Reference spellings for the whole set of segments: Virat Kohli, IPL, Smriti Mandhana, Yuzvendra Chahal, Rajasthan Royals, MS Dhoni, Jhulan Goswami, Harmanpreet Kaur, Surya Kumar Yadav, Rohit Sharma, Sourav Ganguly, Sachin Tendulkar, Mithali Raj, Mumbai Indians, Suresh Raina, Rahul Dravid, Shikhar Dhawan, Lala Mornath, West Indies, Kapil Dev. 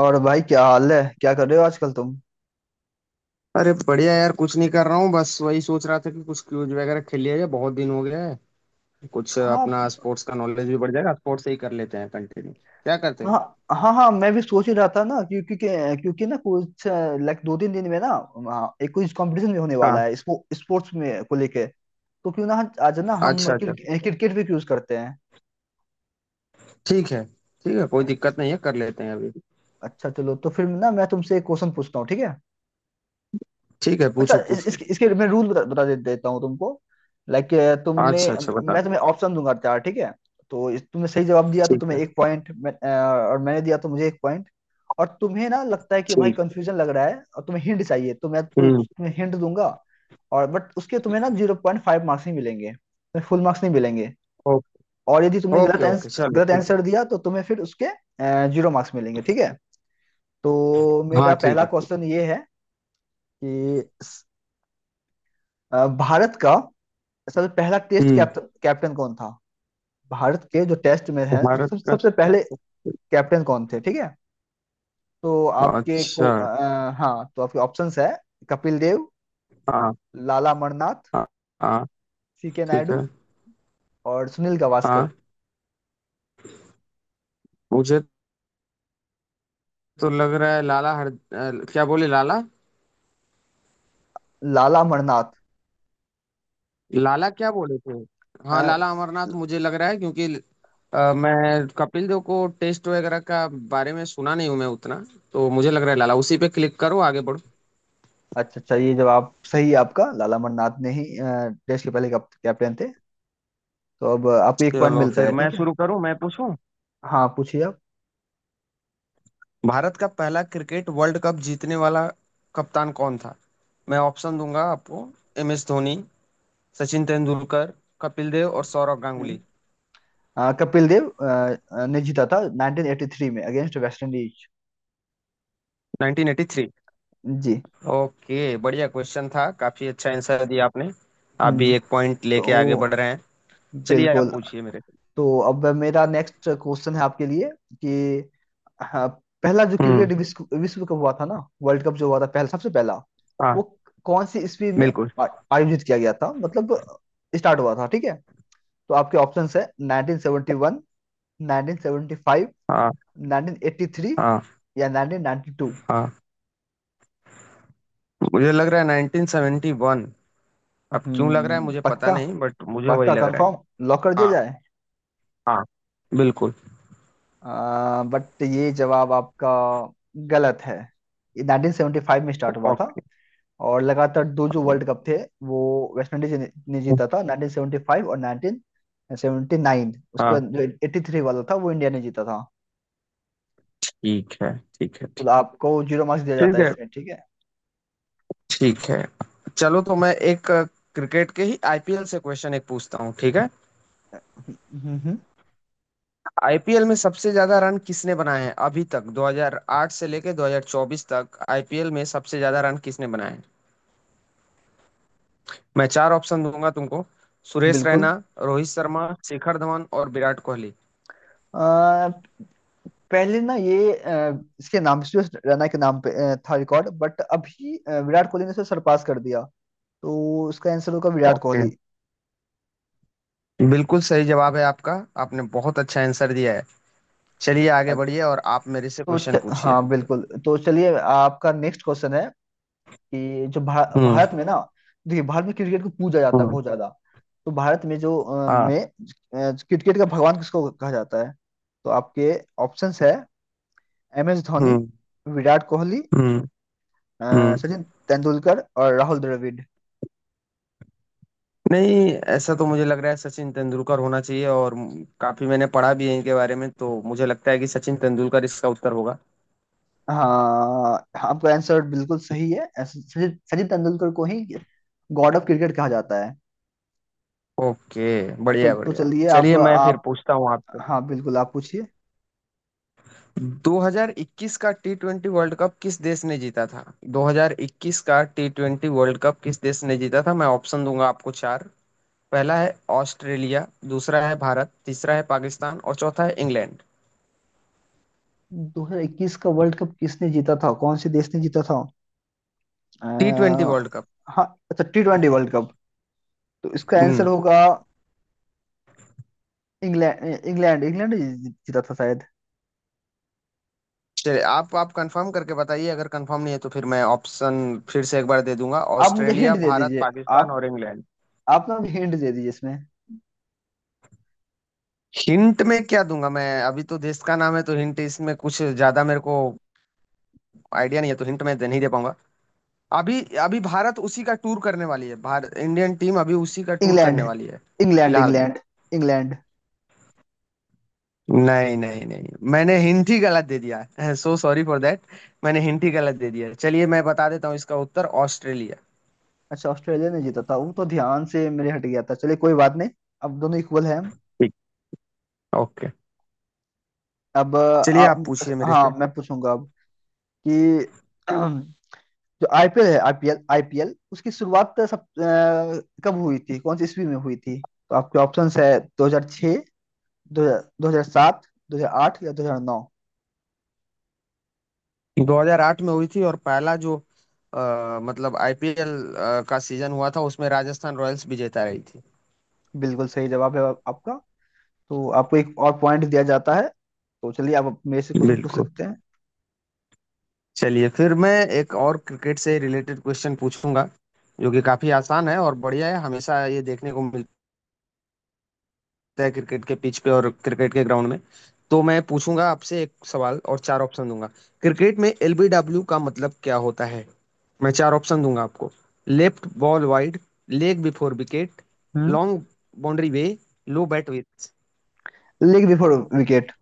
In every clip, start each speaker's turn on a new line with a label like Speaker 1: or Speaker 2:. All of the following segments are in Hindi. Speaker 1: और भाई, क्या हाल है? क्या कर रहे हो आजकल तुम?
Speaker 2: अरे बढ़िया यार। कुछ नहीं कर रहा हूँ, बस वही सोच रहा था कि कुछ क्यूज वगैरह खेल लिया जाए, बहुत दिन हो गया है। कुछ
Speaker 1: हाँ।
Speaker 2: अपना स्पोर्ट्स का नॉलेज भी बढ़ जाएगा। स्पोर्ट्स से ही कर लेते हैं, कंटिन्यू क्या करते हो।
Speaker 1: हाँ। हाँ। हाँ, मैं भी सोच ही रहा था ना, क्योंकि क्योंकि क्योंकि ना कुछ लाइक दो तीन दिन में ना, हाँ, एक कुछ कंपटीशन भी होने वाला
Speaker 2: हाँ।
Speaker 1: है, स्पोर्ट्स में को लेके, तो क्यों ना आज ना हम
Speaker 2: अच्छा अच्छा।
Speaker 1: क्रिकेट भी यूज करते हैं।
Speaker 2: ठीक है ठीक है, कोई
Speaker 1: अ-
Speaker 2: दिक्कत नहीं है, कर लेते हैं अभी।
Speaker 1: अच्छा, चलो तो फिर ना, मैं तुमसे एक क्वेश्चन पूछता हूँ, ठीक है?
Speaker 2: ठीक है,
Speaker 1: अच्छा,
Speaker 2: पूछो पूछो।
Speaker 1: इसके इसके मैं रूल बता, बता दे, देता हूँ तुमको, लाइक। तुमने
Speaker 2: अच्छा अच्छा, बता।
Speaker 1: मैं तुम्हें ऑप्शन दूंगा चार, ठीक है? तो तुमने सही जवाब दिया तो
Speaker 2: ठीक
Speaker 1: तुम्हें
Speaker 2: है,
Speaker 1: एक पॉइंट, और मैंने दिया तो मुझे एक पॉइंट। और तुम्हें ना लगता है कि भाई
Speaker 2: ठीक।
Speaker 1: कंफ्यूजन लग रहा है और तुम्हें हिंट चाहिए, तो मैं कोई
Speaker 2: हम्म।
Speaker 1: तुम्हें हिंट दूंगा। और बट उसके तुम्हें ना 0.5 मार्क्स ही मिलेंगे, तुम्हें फुल मार्क्स नहीं मिलेंगे।
Speaker 2: ओके
Speaker 1: और यदि तुमने गलत, ठीक
Speaker 2: ओके
Speaker 1: है,
Speaker 2: ओके, चलो ठीक है।
Speaker 1: आंसर दिया तो तुम्हें फिर उसके जीरो मार्क्स मिलेंगे, ठीक है। तो मेरा
Speaker 2: हाँ ठीक
Speaker 1: पहला
Speaker 2: है, ठीक।
Speaker 1: क्वेश्चन ये है कि भारत का सबसे पहला टेस्ट
Speaker 2: हम्म।
Speaker 1: कैप्टन कौन था? भारत के जो टेस्ट में है
Speaker 2: भारत
Speaker 1: उसके
Speaker 2: का।
Speaker 1: सबसे पहले कैप्टन कौन थे, ठीक है? तो आपके को
Speaker 2: अच्छा।
Speaker 1: हाँ, तो आपके ऑप्शंस है: कपिल देव,
Speaker 2: हाँ
Speaker 1: लाला मरनाथ,
Speaker 2: हाँ हाँ।
Speaker 1: सी के
Speaker 2: ठीक है।
Speaker 1: नायडू और सुनील गावस्कर।
Speaker 2: हाँ। मुझे तो लग रहा है लाला, क्या बोले लाला।
Speaker 1: लाला मरनाथ?
Speaker 2: लाला क्या बोले थे। हाँ,
Speaker 1: अ,
Speaker 2: लाला अमरनाथ मुझे लग रहा है क्योंकि मैं कपिल देव को टेस्ट वगैरह का बारे में सुना नहीं हूं मैं उतना। तो मुझे लग रहा है लाला, उसी पे क्लिक करो, आगे बढ़ो।
Speaker 1: अच्छा, अच्छा, ये जवाब सही है आपका, लाला मरनाथ ने ही देश के पहले कैप्टन थे। तो अब आपको एक पॉइंट
Speaker 2: चलो
Speaker 1: मिलता
Speaker 2: फिर
Speaker 1: है,
Speaker 2: मैं
Speaker 1: ठीक है।
Speaker 2: शुरू करूं, मैं पूछूं।
Speaker 1: हाँ, पूछिए आप।
Speaker 2: भारत का पहला क्रिकेट वर्ल्ड कप जीतने वाला कप्तान कौन था? मैं ऑप्शन दूंगा आपको। एम एस धोनी, सचिन तेंदुलकर, कपिल देव और सौरव
Speaker 1: हम्म।
Speaker 2: गांगुली।
Speaker 1: कपिल देव ने जीता था 1983 में, अगेंस्ट वेस्ट इंडीज।
Speaker 2: 1983।
Speaker 1: जी।
Speaker 2: ओके। बढ़िया क्वेश्चन था, काफी अच्छा आंसर दिया आपने। आप भी
Speaker 1: हम्म।
Speaker 2: एक पॉइंट
Speaker 1: तो
Speaker 2: लेके आगे बढ़ रहे हैं। चलिए आप
Speaker 1: बिल्कुल।
Speaker 2: पूछिए मेरे।
Speaker 1: तो अब मेरा नेक्स्ट क्वेश्चन है आपके लिए कि हाँ, पहला जो
Speaker 2: हम्म।
Speaker 1: क्रिकेट विश्व विश्व कप हुआ था ना, वर्ल्ड कप जो हुआ था पहला, सबसे पहला,
Speaker 2: हाँ
Speaker 1: वो कौन सी ईस्वी में
Speaker 2: बिल्कुल।
Speaker 1: आ- आयोजित किया गया था, मतलब स्टार्ट हुआ था, ठीक है? तो आपके ऑप्शंस है: 1971, 1975,
Speaker 2: हाँ।
Speaker 1: 1983
Speaker 2: हाँ।
Speaker 1: या 1992।
Speaker 2: हाँ। मुझे लग रहा है 1971। अब क्यों लग रहा है
Speaker 1: हम्म,
Speaker 2: मुझे पता
Speaker 1: पक्का?
Speaker 2: नहीं, बट मुझे वही
Speaker 1: पक्का
Speaker 2: लग रहा है।
Speaker 1: कंफर्म? लॉक कर दिया
Speaker 2: हाँ।
Speaker 1: जाए?
Speaker 2: हाँ। बिल्कुल।
Speaker 1: बट ये जवाब आपका गलत है। ये 1975 में स्टार्ट हुआ था।
Speaker 2: ओके।
Speaker 1: और लगातार दो जो वर्ल्ड कप थे, वो वेस्ट इंडीज ने जीता
Speaker 2: ओके।
Speaker 1: था, 1975 और 1979। उसके
Speaker 2: हाँ
Speaker 1: बाद जो 83 वाला था वो इंडिया ने जीता था।
Speaker 2: ठीक है। ठीक है,
Speaker 1: तो
Speaker 2: ठीक।
Speaker 1: आपको जीरो मार्क्स दिया जाता
Speaker 2: ठीक
Speaker 1: है
Speaker 2: है।
Speaker 1: इसमें, ठीक है।
Speaker 2: ठीक है। चलो तो मैं एक क्रिकेट के ही आईपीएल से क्वेश्चन एक पूछता हूँ, ठीक है।
Speaker 1: हम्म। हम्म।
Speaker 2: आईपीएल में सबसे ज्यादा रन किसने बनाए हैं अभी तक? 2008 से लेके 2024 तक आईपीएल में सबसे ज्यादा रन किसने बनाए हैं? मैं चार ऑप्शन दूंगा तुमको। सुरेश
Speaker 1: बिल्कुल।
Speaker 2: रैना, रोहित शर्मा, शिखर धवन और विराट कोहली।
Speaker 1: अ, पहले ना ये इसके नाम से, रैना के नाम पे था रिकॉर्ड, बट अभी विराट कोहली ने उसे सरपास कर दिया। तो उसका आंसर होगा विराट
Speaker 2: ओके।
Speaker 1: कोहली।
Speaker 2: बिल्कुल सही जवाब है आपका। आपने बहुत अच्छा आंसर दिया है। चलिए
Speaker 1: अ,
Speaker 2: आगे बढ़िए और आप मेरे से
Speaker 1: तो
Speaker 2: क्वेश्चन पूछिए।
Speaker 1: हाँ बिल्कुल। तो चलिए, आपका नेक्स्ट क्वेश्चन है कि जो
Speaker 2: हम्म।
Speaker 1: भारत में ना, देखिए भारत में क्रिकेट को पूजा जाता है
Speaker 2: हम्म।
Speaker 1: बहुत ज्यादा। तो भारत में जो
Speaker 2: हाँ।
Speaker 1: क्रिकेट का भगवान किसको कहा जाता है? तो आपके ऑप्शंस है: एम एस धोनी,
Speaker 2: हम्म।
Speaker 1: विराट कोहली,
Speaker 2: हम्म। हम्म।
Speaker 1: सचिन तेंदुलकर और राहुल द्रविड़।
Speaker 2: नहीं। ऐसा तो मुझे लग रहा है सचिन तेंदुलकर होना चाहिए, और काफी मैंने पढ़ा भी है इनके बारे में, तो मुझे लगता है कि सचिन तेंदुलकर इसका उत्तर होगा।
Speaker 1: हाँ, आपका आंसर बिल्कुल सही है। सचिन सचिन तेंदुलकर को ही गॉड ऑफ क्रिकेट कहा जाता है।
Speaker 2: ओके।
Speaker 1: चल
Speaker 2: बढ़िया
Speaker 1: तो
Speaker 2: बढ़िया।
Speaker 1: चलिए, अब
Speaker 2: चलिए मैं फिर
Speaker 1: आप।
Speaker 2: पूछता हूँ आप।
Speaker 1: हाँ बिल्कुल, आप पूछिए।
Speaker 2: 2021 का टी ट्वेंटी वर्ल्ड कप किस देश ने जीता था? 2021 का टी ट्वेंटी वर्ल्ड कप किस देश ने जीता था? मैं ऑप्शन दूंगा आपको चार। पहला है ऑस्ट्रेलिया, दूसरा है भारत, तीसरा है पाकिस्तान और चौथा है इंग्लैंड।
Speaker 1: 2021 का वर्ल्ड कप किसने जीता था, कौन से देश ने जीता था? अ,
Speaker 2: टी ट्वेंटी वर्ल्ड कप।
Speaker 1: हाँ, अच्छा, टी ट्वेंटी वर्ल्ड कप, तो इसका आंसर
Speaker 2: हम्म।
Speaker 1: होगा इंग्लैंड, इंग्लैंड, इंग्लैंड ही जीता था शायद।
Speaker 2: चलिए आप कंफर्म करके बताइए, अगर कंफर्म नहीं है तो फिर मैं ऑप्शन फिर से एक बार दे दूंगा।
Speaker 1: आप मुझे
Speaker 2: ऑस्ट्रेलिया,
Speaker 1: हिंट दे
Speaker 2: भारत,
Speaker 1: दीजिए।
Speaker 2: पाकिस्तान
Speaker 1: आप
Speaker 2: और इंग्लैंड।
Speaker 1: आप ना मुझे हिंट दे दीजिए इसमें।
Speaker 2: हिंट में क्या दूंगा मैं, अभी तो देश का नाम है, तो हिंट इसमें कुछ ज्यादा मेरे को आइडिया नहीं है, तो हिंट मैं दे नहीं दे पाऊंगा। अभी अभी भारत उसी का टूर करने वाली है, भारत इंडियन टीम अभी उसी का टूर
Speaker 1: इंग्लैंड,
Speaker 2: करने वाली है
Speaker 1: इंग्लैंड,
Speaker 2: फिलहाल में।
Speaker 1: England, England.
Speaker 2: नहीं नहीं नहीं, मैंने हिंट ही गलत दे दिया है, सो सॉरी फॉर दैट। मैंने हिंट ही गलत दे दिया है। चलिए मैं बता देता हूँ इसका उत्तर, ऑस्ट्रेलिया।
Speaker 1: अच्छा, ऑस्ट्रेलिया ने जीता था, वो तो ध्यान से मेरे हट गया था। चलिए, कोई बात नहीं। अब दोनों इक्वल हैं।
Speaker 2: ठीक। ओके।
Speaker 1: अब
Speaker 2: चलिए
Speaker 1: आप।
Speaker 2: आप पूछिए मेरे
Speaker 1: हाँ,
Speaker 2: से।
Speaker 1: मैं पूछूंगा अब कि जो आईपीएल है, आईपीएल आईपीएल उसकी शुरुआत कब हुई थी, कौन सी ईस्वी में हुई थी? तो आपके ऑप्शंस है: 2006, दो हजार सात, दो हजार आठ या दो हजार नौ।
Speaker 2: 2008 में हुई थी, और पहला जो मतलब आईपीएल का सीजन हुआ था उसमें राजस्थान रॉयल्स विजेता रही थी।
Speaker 1: बिल्कुल सही जवाब है आपका। तो आपको एक और पॉइंट दिया जाता है। तो चलिए, आप अब मेरे से क्वेश्चन पूछ
Speaker 2: बिल्कुल।
Speaker 1: सकते हैं।
Speaker 2: चलिए फिर मैं एक और क्रिकेट से रिलेटेड क्वेश्चन पूछूंगा, जो कि काफी आसान है और बढ़िया है, हमेशा ये देखने को मिलता है क्रिकेट के पिच पे और क्रिकेट के ग्राउंड में। तो मैं पूछूंगा आपसे एक सवाल और चार ऑप्शन दूंगा। क्रिकेट में एलबीडब्ल्यू का मतलब क्या होता है? मैं चार ऑप्शन दूंगा आपको। Left ball wide, leg before wicket,
Speaker 1: hmm.
Speaker 2: Long boundary way, low bat width.
Speaker 1: Leg before wicket.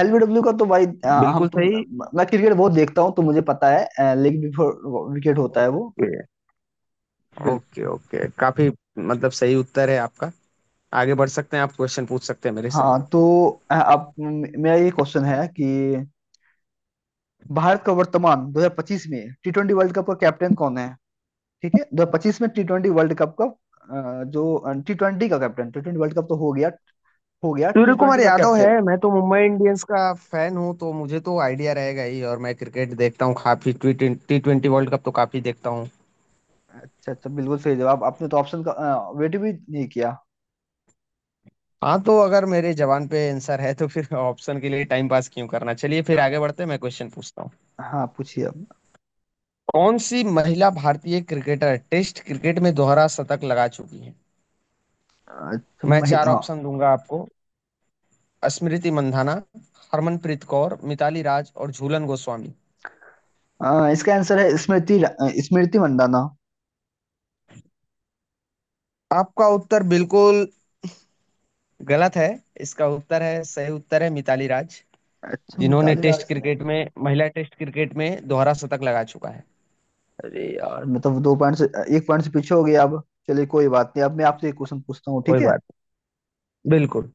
Speaker 1: LBW का तो भाई हम
Speaker 2: बिल्कुल
Speaker 1: तो,
Speaker 2: सही।
Speaker 1: मैं क्रिकेट बहुत देखता हूँ तो मुझे पता है, लेग बिफोर विकेट होता है वो।
Speaker 2: ओके।
Speaker 1: बिल्कुल।
Speaker 2: ओके ओके, काफी मतलब सही उत्तर है आपका। आगे बढ़ सकते हैं, आप क्वेश्चन पूछ सकते हैं मेरे से।
Speaker 1: हाँ, तो अब मेरा ये क्वेश्चन है कि भारत का वर्तमान 2025 में टी ट्वेंटी वर्ल्ड कप का कैप्टन कौन है? ठीक है, 2025 में टी ट्वेंटी वर्ल्ड कप का जो टी ट्वेंटी का captain, T twenty world cup तो हो गया, हो गया,
Speaker 2: सूर्य
Speaker 1: टी ट्वेंटी
Speaker 2: कुमार
Speaker 1: का
Speaker 2: यादव
Speaker 1: कैप्टन।
Speaker 2: है। मैं तो मुंबई इंडियंस का फैन हूँ, तो मुझे तो आइडिया रहेगा ही, और मैं क्रिकेट देखता हूँ काफी, T T twenty world cup तो काफी देखता हूँ।
Speaker 1: अच्छा, अच्छा, बिल्कुल सही जवाब। आपने तो ऑप्शन का वेट भी नहीं किया।
Speaker 2: हाँ, तो अगर मेरे जवान पे आंसर है तो फिर ऑप्शन के लिए टाइम पास क्यों करना। चलिए फिर
Speaker 1: अ,
Speaker 2: आगे बढ़ते हैं, मैं क्वेश्चन पूछता हूँ।
Speaker 1: हाँ, पूछिए अब।
Speaker 2: कौन सी महिला भारतीय क्रिकेटर टेस्ट क्रिकेट में दोहरा शतक लगा चुकी है?
Speaker 1: अच्छा,
Speaker 2: मैं चार
Speaker 1: महिला।
Speaker 2: ऑप्शन दूंगा आपको। स्मृति मंधाना, हरमनप्रीत कौर, मिताली राज और झूलन गोस्वामी।
Speaker 1: हाँ, इसका आंसर है स्मृति मंदाना।
Speaker 2: आपका उत्तर बिल्कुल गलत है। इसका उत्तर है, सही उत्तर है मिताली राज,
Speaker 1: अच्छा,
Speaker 2: जिन्होंने
Speaker 1: मिताली
Speaker 2: टेस्ट
Speaker 1: राज ने।
Speaker 2: क्रिकेट में, महिला टेस्ट क्रिकेट में दोहरा शतक लगा चुका है।
Speaker 1: अरे यार, मैं तो दो पॉइंट से एक पॉइंट से पीछे हो गया अब। चलिए, कोई बात नहीं। अब मैं आपसे एक क्वेश्चन पूछता हूँ, ठीक
Speaker 2: कोई
Speaker 1: है।
Speaker 2: बात नहीं, बिल्कुल।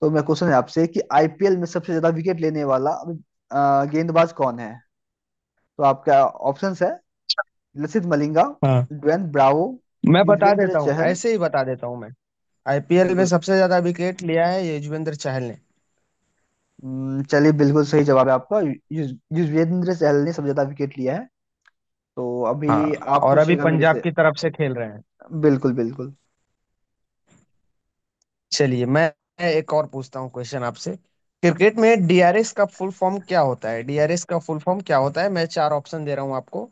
Speaker 1: तो मैं क्वेश्चन है आपसे कि आईपीएल में सबसे ज्यादा विकेट लेने वाला गेंदबाज कौन है? तो आपका ऑप्शंस है: लसित मलिंगा,
Speaker 2: हाँ।
Speaker 1: ड्वेन ब्रावो,
Speaker 2: मैं बता
Speaker 1: युजवेंद्र
Speaker 2: देता हूँ,
Speaker 1: चहल।
Speaker 2: ऐसे ही बता देता हूँ मैं। आईपीएल में
Speaker 1: बिल्कुल।
Speaker 2: सबसे ज्यादा विकेट लिया है युजवेंद्र चहल ने।
Speaker 1: चलिए, बिल्कुल सही जवाब है आपका। युजवेंद्र चहल ने सबसे ज्यादा विकेट लिया है। तो अभी
Speaker 2: हाँ,
Speaker 1: आप
Speaker 2: और अभी
Speaker 1: पूछिएगा मेरे
Speaker 2: पंजाब
Speaker 1: से।
Speaker 2: की तरफ से खेल रहे हैं।
Speaker 1: बिल्कुल, बिल्कुल।
Speaker 2: चलिए मैं एक और पूछता हूँ क्वेश्चन आपसे। क्रिकेट में डीआरएस का फुल फॉर्म क्या होता है? डीआरएस का फुल फॉर्म क्या होता है? मैं चार ऑप्शन दे रहा हूँ आपको।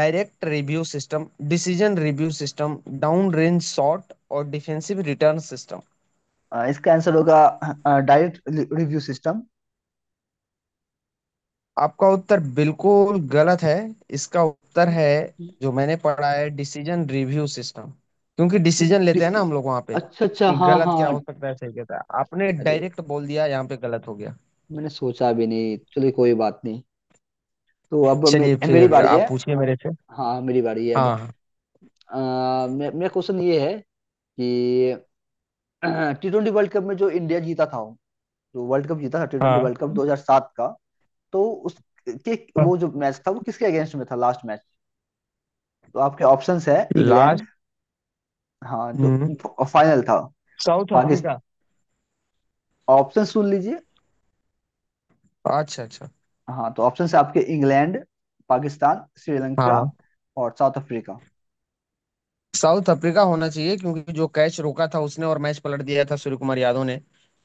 Speaker 2: Direct review system, decision review system, down range shot और डिफेंसिव रिटर्न सिस्टम।
Speaker 1: इसका आंसर होगा डायरेक्ट रिव्यू सिस्टम।
Speaker 2: आपका उत्तर बिल्कुल गलत है। इसका उत्तर है, जो मैंने पढ़ा है, डिसीजन रिव्यू सिस्टम, क्योंकि डिसीजन लेते हैं
Speaker 1: डिस-
Speaker 2: ना हम लोग वहां पे
Speaker 1: अच्छा, अच्छा,
Speaker 2: कि
Speaker 1: हाँ,
Speaker 2: गलत
Speaker 1: हाँ,
Speaker 2: क्या हो सकता है सही। कहता है आपने
Speaker 1: अरे,
Speaker 2: डायरेक्ट बोल दिया, यहाँ पे गलत हो गया।
Speaker 1: मैंने सोचा भी नहीं। चलिए, कोई बात नहीं। तो अब
Speaker 2: चलिए
Speaker 1: मेरी
Speaker 2: फिर
Speaker 1: बारी है।
Speaker 2: आप पूछिए मेरे से।
Speaker 1: हाँ, मेरी बारी है अब।
Speaker 2: हाँ।
Speaker 1: अ, मेरा क्वेश्चन ये है कि टी ट्वेंटी वर्ल्ड कप में जो इंडिया जीता था, जो वर्ल्ड कप जीता था, टी ट्वेंटी
Speaker 2: हाँ।
Speaker 1: वर्ल्ड कप 2007 का। तो उसके
Speaker 2: हाँ।
Speaker 1: वो जो मैच था, वो किसके अगेंस्ट में था, लास्ट मैच? तो आपके ऑप्शंस है: इंग्लैंड,
Speaker 2: लास्ट।
Speaker 1: हाँ जो
Speaker 2: हम्म।
Speaker 1: फाइनल था,
Speaker 2: साउथ
Speaker 1: पाकिस्तान।
Speaker 2: अफ्रीका।
Speaker 1: ऑप्शन सुन लीजिए।
Speaker 2: अच्छा अच्छा।
Speaker 1: हाँ तो ऑप्शन है आपके: इंग्लैंड, पाकिस्तान, श्रीलंका
Speaker 2: हाँ,
Speaker 1: और साउथ अफ्रीका।
Speaker 2: साउथ अफ्रीका होना चाहिए, क्योंकि जो कैच रोका था उसने और मैच पलट दिया था सूर्य कुमार यादव ने,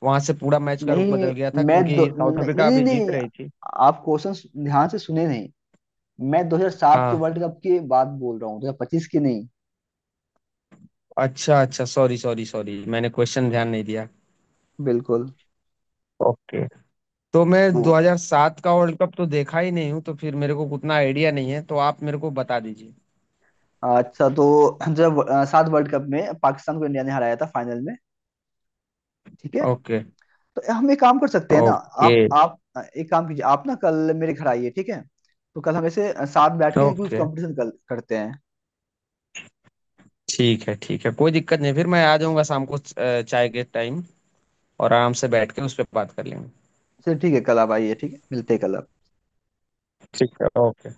Speaker 2: वहां से पूरा मैच का रुख
Speaker 1: नहीं,
Speaker 2: बदल गया था,
Speaker 1: मैं
Speaker 2: क्योंकि
Speaker 1: दो
Speaker 2: साउथ
Speaker 1: नहीं,
Speaker 2: अफ्रीका
Speaker 1: नहीं,
Speaker 2: अभी जीत
Speaker 1: नहीं,
Speaker 2: रही थी।
Speaker 1: आप क्वेश्चन ध्यान से सुने नहीं। मैं 2007
Speaker 2: हाँ।
Speaker 1: वर्ल्ड कप की बात बोल रहा हूँ, 2025 की नहीं।
Speaker 2: अच्छा अच्छा, सॉरी सॉरी सॉरी, मैंने क्वेश्चन ध्यान नहीं दिया।
Speaker 1: बिल्कुल।
Speaker 2: ओके। तो मैं
Speaker 1: तो
Speaker 2: 2007 का वर्ल्ड कप तो देखा ही नहीं हूँ, तो फिर मेरे को उतना आइडिया नहीं है, तो आप मेरे को बता दीजिए।
Speaker 1: अच्छा, तो जब सात वर्ल्ड कप में पाकिस्तान को इंडिया ने हराया था फाइनल में, ठीक है?
Speaker 2: ओके।
Speaker 1: तो हम एक काम कर सकते हैं ना,
Speaker 2: ओके
Speaker 1: आप एक काम कीजिए, आप ना कल मेरे घर आइए, ठीक है? तो कल हम ऐसे साथ बैठ के कुछ
Speaker 2: ओके।
Speaker 1: कंपटीशन करते हैं।
Speaker 2: ठीक है ठीक है, कोई दिक्कत नहीं, फिर मैं आ जाऊंगा शाम को चाय के टाइम, और आराम से बैठ के उस पर बात कर लेंगे।
Speaker 1: चलिए, ठीक है, कल आप आइए, ठीक है। मिलते हैं कल।
Speaker 2: ठीक है। ओके।